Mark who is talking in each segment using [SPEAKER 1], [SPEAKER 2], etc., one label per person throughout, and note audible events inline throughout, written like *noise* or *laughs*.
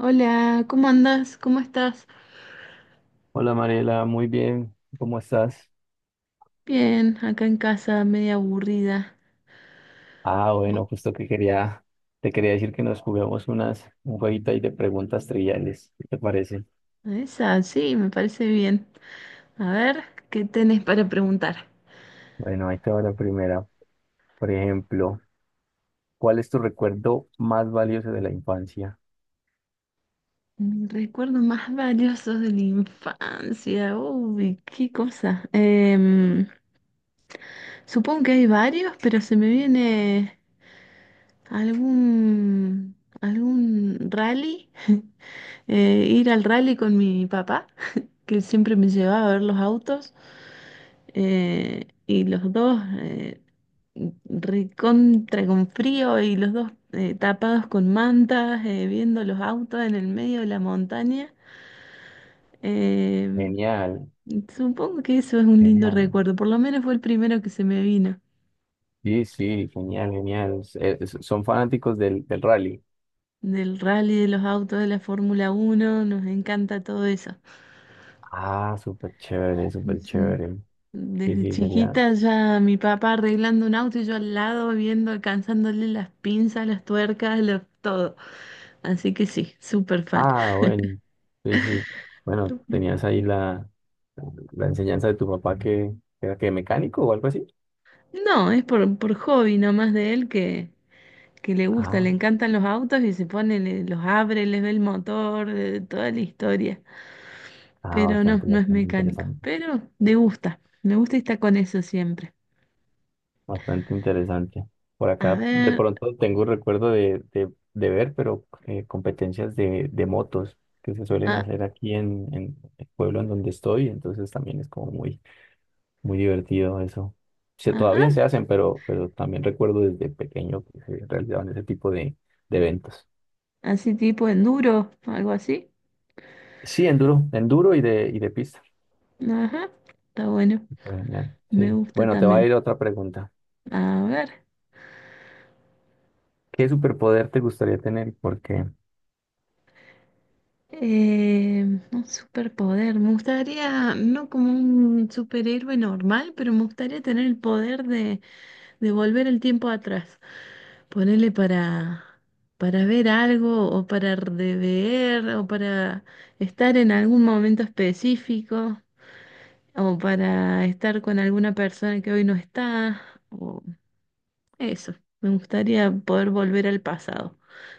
[SPEAKER 1] Hola, ¿cómo andas? ¿Cómo estás?
[SPEAKER 2] Hola Mariela, muy bien, ¿cómo estás?
[SPEAKER 1] Bien, acá en casa, media aburrida.
[SPEAKER 2] Ah,
[SPEAKER 1] Bo-
[SPEAKER 2] bueno, justo que quería, te quería decir que nos juguemos un jueguito ahí de preguntas triviales, ¿qué te parece?
[SPEAKER 1] Esa, sí, me parece bien. A ver, ¿qué tenés para preguntar?
[SPEAKER 2] Bueno, ahí te va la primera. Por ejemplo, ¿cuál es tu recuerdo más valioso de la infancia?
[SPEAKER 1] Mis recuerdos más valiosos de la infancia. Uy, qué cosa. Supongo que hay varios, pero se me viene algún, algún rally. *laughs* Ir al rally con mi papá, que siempre me llevaba a ver los autos. Y los dos recontra con frío y los dos tapados con mantas, viendo los autos en el medio de la montaña. Eh,
[SPEAKER 2] Genial,
[SPEAKER 1] Supongo que eso es un lindo
[SPEAKER 2] genial.
[SPEAKER 1] recuerdo, por lo menos fue el primero que se me vino.
[SPEAKER 2] Sí, sí, genial, genial. Son fanáticos del rally.
[SPEAKER 1] Del rally de los autos de la Fórmula 1 nos encanta todo eso.
[SPEAKER 2] Ah, súper chévere, súper
[SPEAKER 1] Sí.
[SPEAKER 2] chévere. Sí,
[SPEAKER 1] Desde
[SPEAKER 2] sí, sería.
[SPEAKER 1] chiquita ya mi papá arreglando un auto y yo al lado viendo, alcanzándole las pinzas, las tuercas, todo. Así que sí, súper fan.
[SPEAKER 2] Ah, bueno, sí, sí. Bueno, tenías ahí la la enseñanza de tu papá que era que mecánico o algo así.
[SPEAKER 1] No, es por hobby nomás de él, que le gusta,
[SPEAKER 2] Ah,
[SPEAKER 1] le encantan los autos y se pone, los abre, les ve el motor, toda la historia.
[SPEAKER 2] ah,
[SPEAKER 1] Pero no,
[SPEAKER 2] bastante,
[SPEAKER 1] no es
[SPEAKER 2] bastante
[SPEAKER 1] mecánico.
[SPEAKER 2] interesante.
[SPEAKER 1] Pero le gusta, me gusta y está con eso siempre.
[SPEAKER 2] Bastante interesante. Por
[SPEAKER 1] A
[SPEAKER 2] acá de
[SPEAKER 1] ver,
[SPEAKER 2] pronto tengo un recuerdo de ver, pero competencias de motos que se suelen
[SPEAKER 1] ah,
[SPEAKER 2] hacer aquí en el pueblo en donde estoy. Entonces también es como muy, muy divertido eso. Se, todavía se
[SPEAKER 1] ajá,
[SPEAKER 2] hacen, pero también recuerdo desde pequeño que se realizaban ese tipo de eventos.
[SPEAKER 1] así tipo enduro, algo así.
[SPEAKER 2] Sí, enduro, enduro y de pista.
[SPEAKER 1] Ajá, está bueno.
[SPEAKER 2] Genial,
[SPEAKER 1] Me
[SPEAKER 2] sí.
[SPEAKER 1] gusta
[SPEAKER 2] Bueno, te va a
[SPEAKER 1] también.
[SPEAKER 2] ir otra pregunta.
[SPEAKER 1] A ver,
[SPEAKER 2] ¿Qué superpoder te gustaría tener? Porque,
[SPEAKER 1] eh, un superpoder. Me gustaría, no como un superhéroe normal, pero me gustaría tener el poder de volver el tiempo atrás. Ponerle para ver algo o para rever o para estar en algún momento específico o para estar con alguna persona que hoy no está o eso. Me gustaría poder volver al pasado.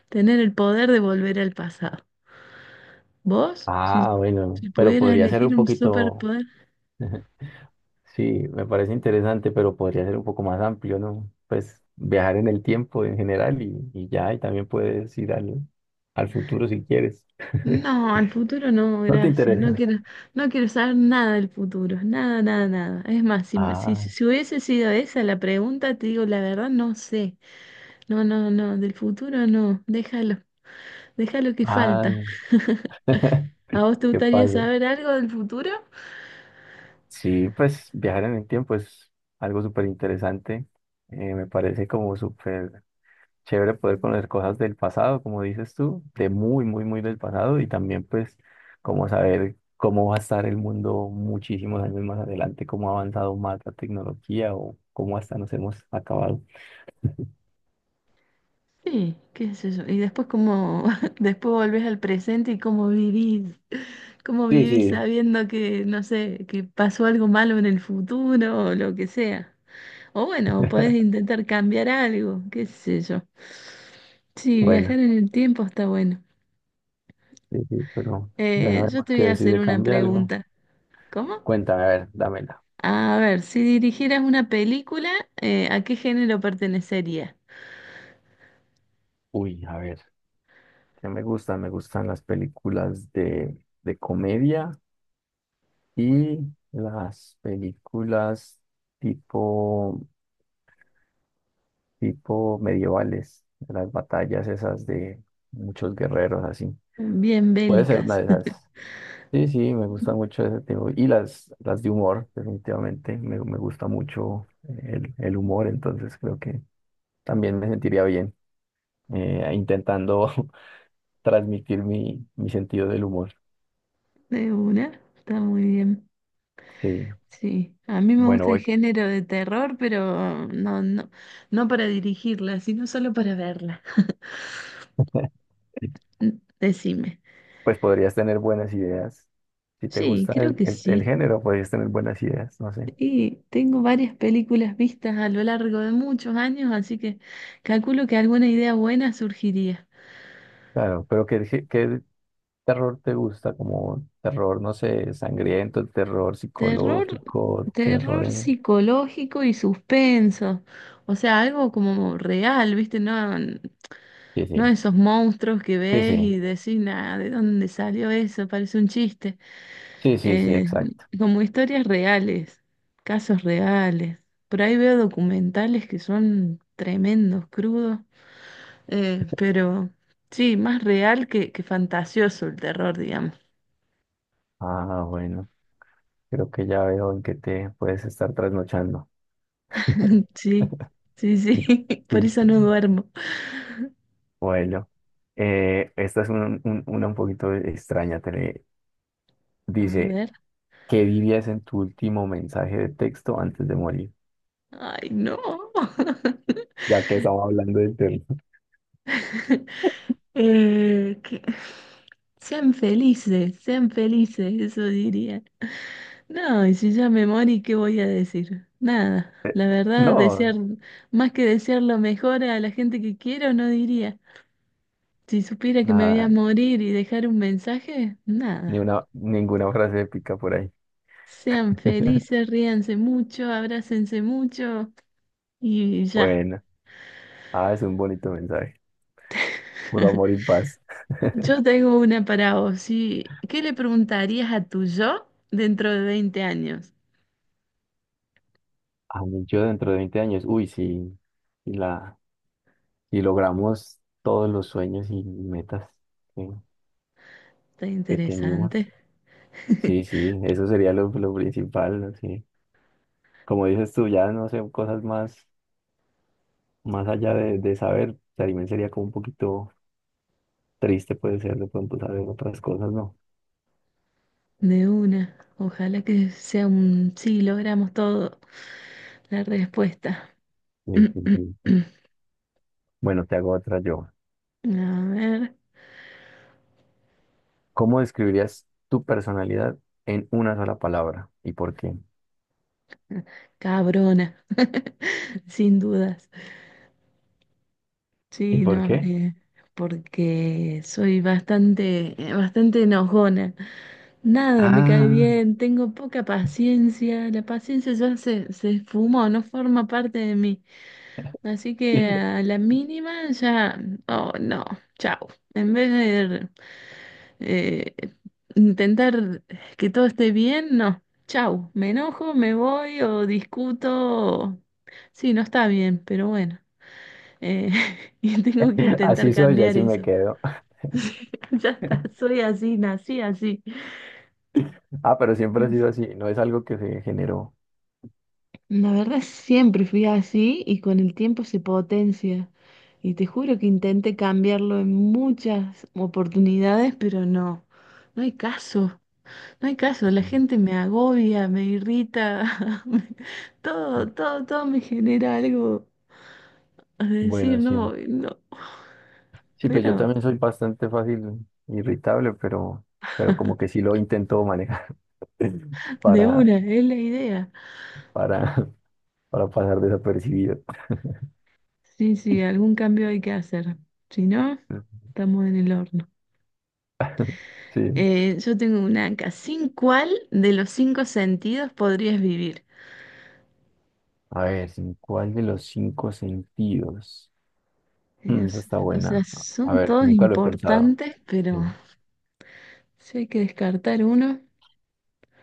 [SPEAKER 1] Tener el poder de volver al pasado. ¿Vos? Si,
[SPEAKER 2] ah, bueno,
[SPEAKER 1] si
[SPEAKER 2] pero
[SPEAKER 1] pudieras
[SPEAKER 2] podría ser un
[SPEAKER 1] elegir un
[SPEAKER 2] poquito,
[SPEAKER 1] superpoder.
[SPEAKER 2] *laughs* sí, me parece interesante, pero podría ser un poco más amplio, ¿no? Pues viajar en el tiempo en general y ya, y también puedes ir al futuro si quieres. *laughs*
[SPEAKER 1] No, al futuro no,
[SPEAKER 2] ¿No te
[SPEAKER 1] gracias. No
[SPEAKER 2] interesa?
[SPEAKER 1] quiero, no quiero saber nada del futuro. Nada, nada, nada. Es más, si, me- si,
[SPEAKER 2] Ah,
[SPEAKER 1] si hubiese sido esa la pregunta, te digo la verdad, no sé. No, no, no, del futuro no. Déjalo que
[SPEAKER 2] ah,
[SPEAKER 1] falta. ¿A vos te
[SPEAKER 2] *laughs* que
[SPEAKER 1] gustaría
[SPEAKER 2] pase.
[SPEAKER 1] saber algo del futuro?
[SPEAKER 2] Sí, pues viajar en el tiempo es algo súper interesante. Me parece como súper chévere poder conocer cosas del pasado, como dices tú, de muy, muy, muy del pasado y también pues como saber cómo va a estar el mundo muchísimos años más adelante, cómo ha avanzado más la tecnología o cómo hasta nos hemos acabado.
[SPEAKER 1] Sí, qué es eso. Y después cómo, *laughs* después volvés al presente y cómo vivís. ¿Cómo
[SPEAKER 2] Sí,
[SPEAKER 1] vivís
[SPEAKER 2] sí.
[SPEAKER 1] sabiendo que, no sé, que pasó algo malo en el futuro o lo que sea? O bueno, podés
[SPEAKER 2] *laughs*
[SPEAKER 1] intentar cambiar algo, qué sé yo. Sí, viajar
[SPEAKER 2] Bueno,
[SPEAKER 1] en el tiempo está bueno.
[SPEAKER 2] sí, sí, pero ya
[SPEAKER 1] Yo
[SPEAKER 2] sabemos
[SPEAKER 1] te voy a
[SPEAKER 2] que si
[SPEAKER 1] hacer
[SPEAKER 2] se
[SPEAKER 1] una
[SPEAKER 2] cambia algo,
[SPEAKER 1] pregunta. ¿Cómo?
[SPEAKER 2] cuéntame, a ver, dámela.
[SPEAKER 1] A ver, si dirigieras una película, ¿a qué género pertenecería?
[SPEAKER 2] Uy, a ver, ¿qué me gustan? Me gustan las películas de comedia y las películas tipo, tipo medievales, de las batallas esas de muchos guerreros así.
[SPEAKER 1] Bien
[SPEAKER 2] Puede ser una
[SPEAKER 1] bélicas.
[SPEAKER 2] de esas. Sí, sí, me gusta mucho ese tipo. Y las de humor, definitivamente. Me gusta mucho el humor, entonces creo que también me sentiría bien intentando *laughs* transmitir mi sentido del humor.
[SPEAKER 1] *laughs* De una, está muy bien.
[SPEAKER 2] Sí,
[SPEAKER 1] Sí, a mí me
[SPEAKER 2] bueno,
[SPEAKER 1] gusta el
[SPEAKER 2] voy.
[SPEAKER 1] género de terror, pero no, no, no para dirigirla, sino solo para verla.
[SPEAKER 2] *laughs*
[SPEAKER 1] Decime.
[SPEAKER 2] Pues podrías tener buenas ideas. Si te
[SPEAKER 1] Sí,
[SPEAKER 2] gusta
[SPEAKER 1] creo que
[SPEAKER 2] el
[SPEAKER 1] sí.
[SPEAKER 2] género, podrías tener buenas ideas, no sé.
[SPEAKER 1] Y tengo varias películas vistas a lo largo de muchos años, así que calculo que alguna idea buena surgiría.
[SPEAKER 2] Claro, pero ¿qué, qué, qué terror te gusta? Como terror, no sé, sangriento, terror
[SPEAKER 1] Terror,
[SPEAKER 2] psicológico, terror
[SPEAKER 1] terror
[SPEAKER 2] en,
[SPEAKER 1] psicológico y suspenso. O sea, algo como real, ¿viste? No,
[SPEAKER 2] sí,
[SPEAKER 1] no
[SPEAKER 2] sí,
[SPEAKER 1] esos monstruos que
[SPEAKER 2] sí,
[SPEAKER 1] ves
[SPEAKER 2] sí,
[SPEAKER 1] y decís, nada, ¿de dónde salió eso? Parece un chiste.
[SPEAKER 2] sí, sí, sí,
[SPEAKER 1] eh,
[SPEAKER 2] exacto.
[SPEAKER 1] Como historias reales, casos reales. Por ahí veo documentales que son tremendos, crudos, pero sí, más real que fantasioso el terror, digamos.
[SPEAKER 2] Ah, bueno, creo que ya veo en qué te puedes estar trasnochando.
[SPEAKER 1] *laughs* Sí,
[SPEAKER 2] *laughs*
[SPEAKER 1] sí, sí, *laughs* por
[SPEAKER 2] Sí.
[SPEAKER 1] eso no duermo.
[SPEAKER 2] Bueno, esta es una un poquito extraña.
[SPEAKER 1] A
[SPEAKER 2] Dice,
[SPEAKER 1] ver,
[SPEAKER 2] ¿qué dirías en tu último mensaje de texto antes de morir?
[SPEAKER 1] ay, no.
[SPEAKER 2] Ya que estamos hablando del tema.
[SPEAKER 1] *laughs* Eh, que- sean felices, eso diría. No, y si ya me morí, ¿qué voy a decir? Nada, la
[SPEAKER 2] *laughs*
[SPEAKER 1] verdad,
[SPEAKER 2] No,
[SPEAKER 1] desear, más que desear lo mejor a la gente que quiero, no diría. Si supiera que me voy a
[SPEAKER 2] nada,
[SPEAKER 1] morir y dejar un mensaje,
[SPEAKER 2] ni
[SPEAKER 1] nada.
[SPEAKER 2] una, ninguna frase épica por ahí.
[SPEAKER 1] Sean
[SPEAKER 2] *laughs*
[SPEAKER 1] felices, ríanse mucho, abrácense mucho y ya.
[SPEAKER 2] Bueno. Ah, es un bonito mensaje. Puro amor y
[SPEAKER 1] *laughs*
[SPEAKER 2] paz.
[SPEAKER 1] Yo tengo una para vos. Sí. ¿Qué le preguntarías a tu yo dentro de 20 años?
[SPEAKER 2] A mí yo dentro de 20 años, uy, sí, y la, si logramos todos los sueños y metas que,
[SPEAKER 1] Está
[SPEAKER 2] que teníamos.
[SPEAKER 1] interesante.
[SPEAKER 2] Sí,
[SPEAKER 1] *laughs*
[SPEAKER 2] sí, eso sería lo principal, ¿no? Sí. Como dices tú, ya no sé, cosas más, más allá de saber, también sería como un poquito triste puede ser de pronto saber otras cosas, ¿no?
[SPEAKER 1] De una. Ojalá que sea un sí, logramos todo. La respuesta.
[SPEAKER 2] Sí, sí, sí.
[SPEAKER 1] *clears throat*
[SPEAKER 2] Bueno, te hago otra yo.
[SPEAKER 1] A ver,
[SPEAKER 2] ¿Cómo describirías tu personalidad en una sola palabra? ¿Y por qué?
[SPEAKER 1] cabrona, *laughs* sin dudas.
[SPEAKER 2] ¿Y
[SPEAKER 1] Sí,
[SPEAKER 2] por
[SPEAKER 1] no,
[SPEAKER 2] qué?
[SPEAKER 1] porque soy bastante enojona. Nada, me cae
[SPEAKER 2] Ah,
[SPEAKER 1] bien, tengo poca paciencia, la paciencia ya se esfumó, no forma parte de mí. Así que
[SPEAKER 2] *laughs*
[SPEAKER 1] a la mínima ya, oh no, chao. En vez de Eh, intentar que todo esté bien, no. Chau, me enojo, me voy o discuto. o- Sí, no está bien, pero bueno. Eh, *laughs* y tengo que intentar
[SPEAKER 2] así soy,
[SPEAKER 1] cambiar
[SPEAKER 2] así me
[SPEAKER 1] eso.
[SPEAKER 2] quedo.
[SPEAKER 1] *laughs* Ya está, soy así, nací así.
[SPEAKER 2] Ah, pero siempre ha sido así, no es algo que se generó.
[SPEAKER 1] La verdad siempre fui así y con el tiempo se potencia. Y te juro que intenté cambiarlo en muchas oportunidades, pero no, no hay caso. No hay caso, la gente me agobia, me irrita, *laughs* todo, todo, todo me genera algo a decir,
[SPEAKER 2] Bueno, sí.
[SPEAKER 1] no, no,
[SPEAKER 2] Sí, pues yo
[SPEAKER 1] pero
[SPEAKER 2] también soy bastante fácil, irritable, pero como que sí lo intento manejar *laughs*
[SPEAKER 1] de
[SPEAKER 2] para,
[SPEAKER 1] una, es la idea.
[SPEAKER 2] para, para pasar desapercibido.
[SPEAKER 1] Sí, sí, algún cambio hay que hacer, si no, estamos en el horno.
[SPEAKER 2] Sí.
[SPEAKER 1] Yo tengo una acá, ¿sin cuál de los cinco sentidos podrías vivir?
[SPEAKER 2] A ver, ¿en cuál de los 5 sentidos?
[SPEAKER 1] Eh, o
[SPEAKER 2] Mm, esa
[SPEAKER 1] s-
[SPEAKER 2] está
[SPEAKER 1] o sea,
[SPEAKER 2] buena. A
[SPEAKER 1] son
[SPEAKER 2] ver,
[SPEAKER 1] todos
[SPEAKER 2] nunca lo he pensado.
[SPEAKER 1] importantes, pero
[SPEAKER 2] Sí.
[SPEAKER 1] si hay que descartar uno.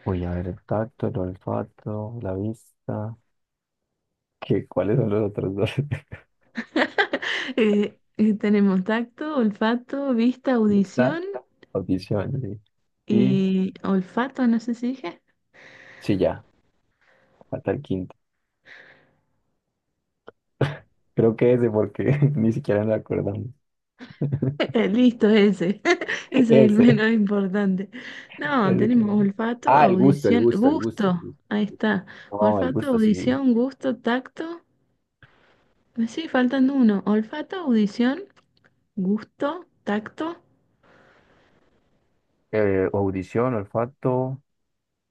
[SPEAKER 2] Uy, a ver, el tacto, el olfato, la vista. ¿Qué, cuáles son los otros dos?
[SPEAKER 1] *laughs* Tenemos tacto, olfato, vista,
[SPEAKER 2] Lista,
[SPEAKER 1] audición
[SPEAKER 2] audición. Sí. Y
[SPEAKER 1] y olfato, no sé si dije.
[SPEAKER 2] sí, ya, falta el quinto. Creo que ese porque *laughs* ni siquiera nos acordamos.
[SPEAKER 1] *laughs*
[SPEAKER 2] *laughs*
[SPEAKER 1] Listo, ese. *laughs* Ese es el
[SPEAKER 2] Ese,
[SPEAKER 1] menos importante. No,
[SPEAKER 2] ese que
[SPEAKER 1] tenemos
[SPEAKER 2] no.
[SPEAKER 1] olfato,
[SPEAKER 2] Ah, el gusto, el
[SPEAKER 1] audición,
[SPEAKER 2] gusto, el gusto,
[SPEAKER 1] gusto.
[SPEAKER 2] el gusto.
[SPEAKER 1] Ahí está.
[SPEAKER 2] No, el
[SPEAKER 1] Olfato,
[SPEAKER 2] gusto, sí.
[SPEAKER 1] audición, gusto, tacto. Sí, faltan uno. Olfato, audición, gusto, tacto,
[SPEAKER 2] Audición, olfato,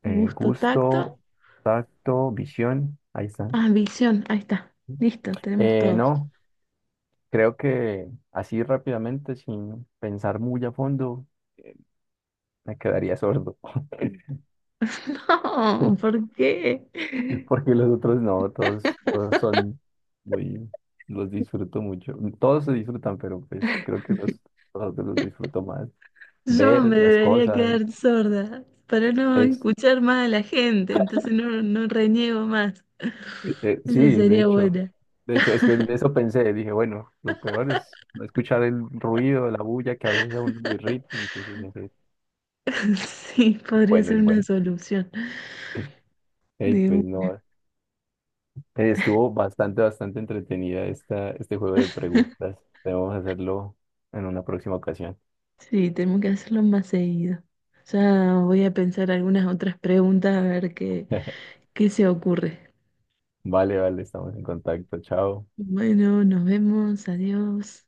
[SPEAKER 1] gusto, tacto.
[SPEAKER 2] gusto, tacto, visión. Ahí están.
[SPEAKER 1] Ah, visión. Ahí está. Listo, tenemos todos.
[SPEAKER 2] No, creo que así rápidamente, sin pensar muy a fondo, me quedaría sordo.
[SPEAKER 1] *laughs*
[SPEAKER 2] *laughs*
[SPEAKER 1] No, ¿por qué?
[SPEAKER 2] Porque los otros no, todos, todos son muy, los disfruto mucho. Todos se disfrutan, pero pues creo que los otros los disfruto más.
[SPEAKER 1] Yo me
[SPEAKER 2] Ver las
[SPEAKER 1] debería
[SPEAKER 2] cosas.
[SPEAKER 1] quedar sorda para no
[SPEAKER 2] Ex,
[SPEAKER 1] escuchar más a la gente, entonces no, no reniego más. Eso
[SPEAKER 2] sí,
[SPEAKER 1] sería buena.
[SPEAKER 2] de hecho, es que en eso pensé, dije, bueno, lo peor es no escuchar el ruido, la bulla, que a veces a uno lo irrita, entonces no sé.
[SPEAKER 1] *laughs* Sí,
[SPEAKER 2] Es
[SPEAKER 1] podría
[SPEAKER 2] bueno,
[SPEAKER 1] ser
[SPEAKER 2] es
[SPEAKER 1] una
[SPEAKER 2] bueno.
[SPEAKER 1] solución.
[SPEAKER 2] Ey,
[SPEAKER 1] De
[SPEAKER 2] pues no,
[SPEAKER 1] una.
[SPEAKER 2] estuvo bastante, bastante entretenida esta, este juego de
[SPEAKER 1] *laughs*
[SPEAKER 2] preguntas. Debemos hacerlo en una próxima ocasión.
[SPEAKER 1] Sí, tenemos que hacerlo más seguido. Ya voy a pensar algunas otras preguntas a ver qué,
[SPEAKER 2] *laughs*
[SPEAKER 1] qué se ocurre.
[SPEAKER 2] Vale, vale, estamos en contacto. Chao.
[SPEAKER 1] Bueno, nos vemos, adiós.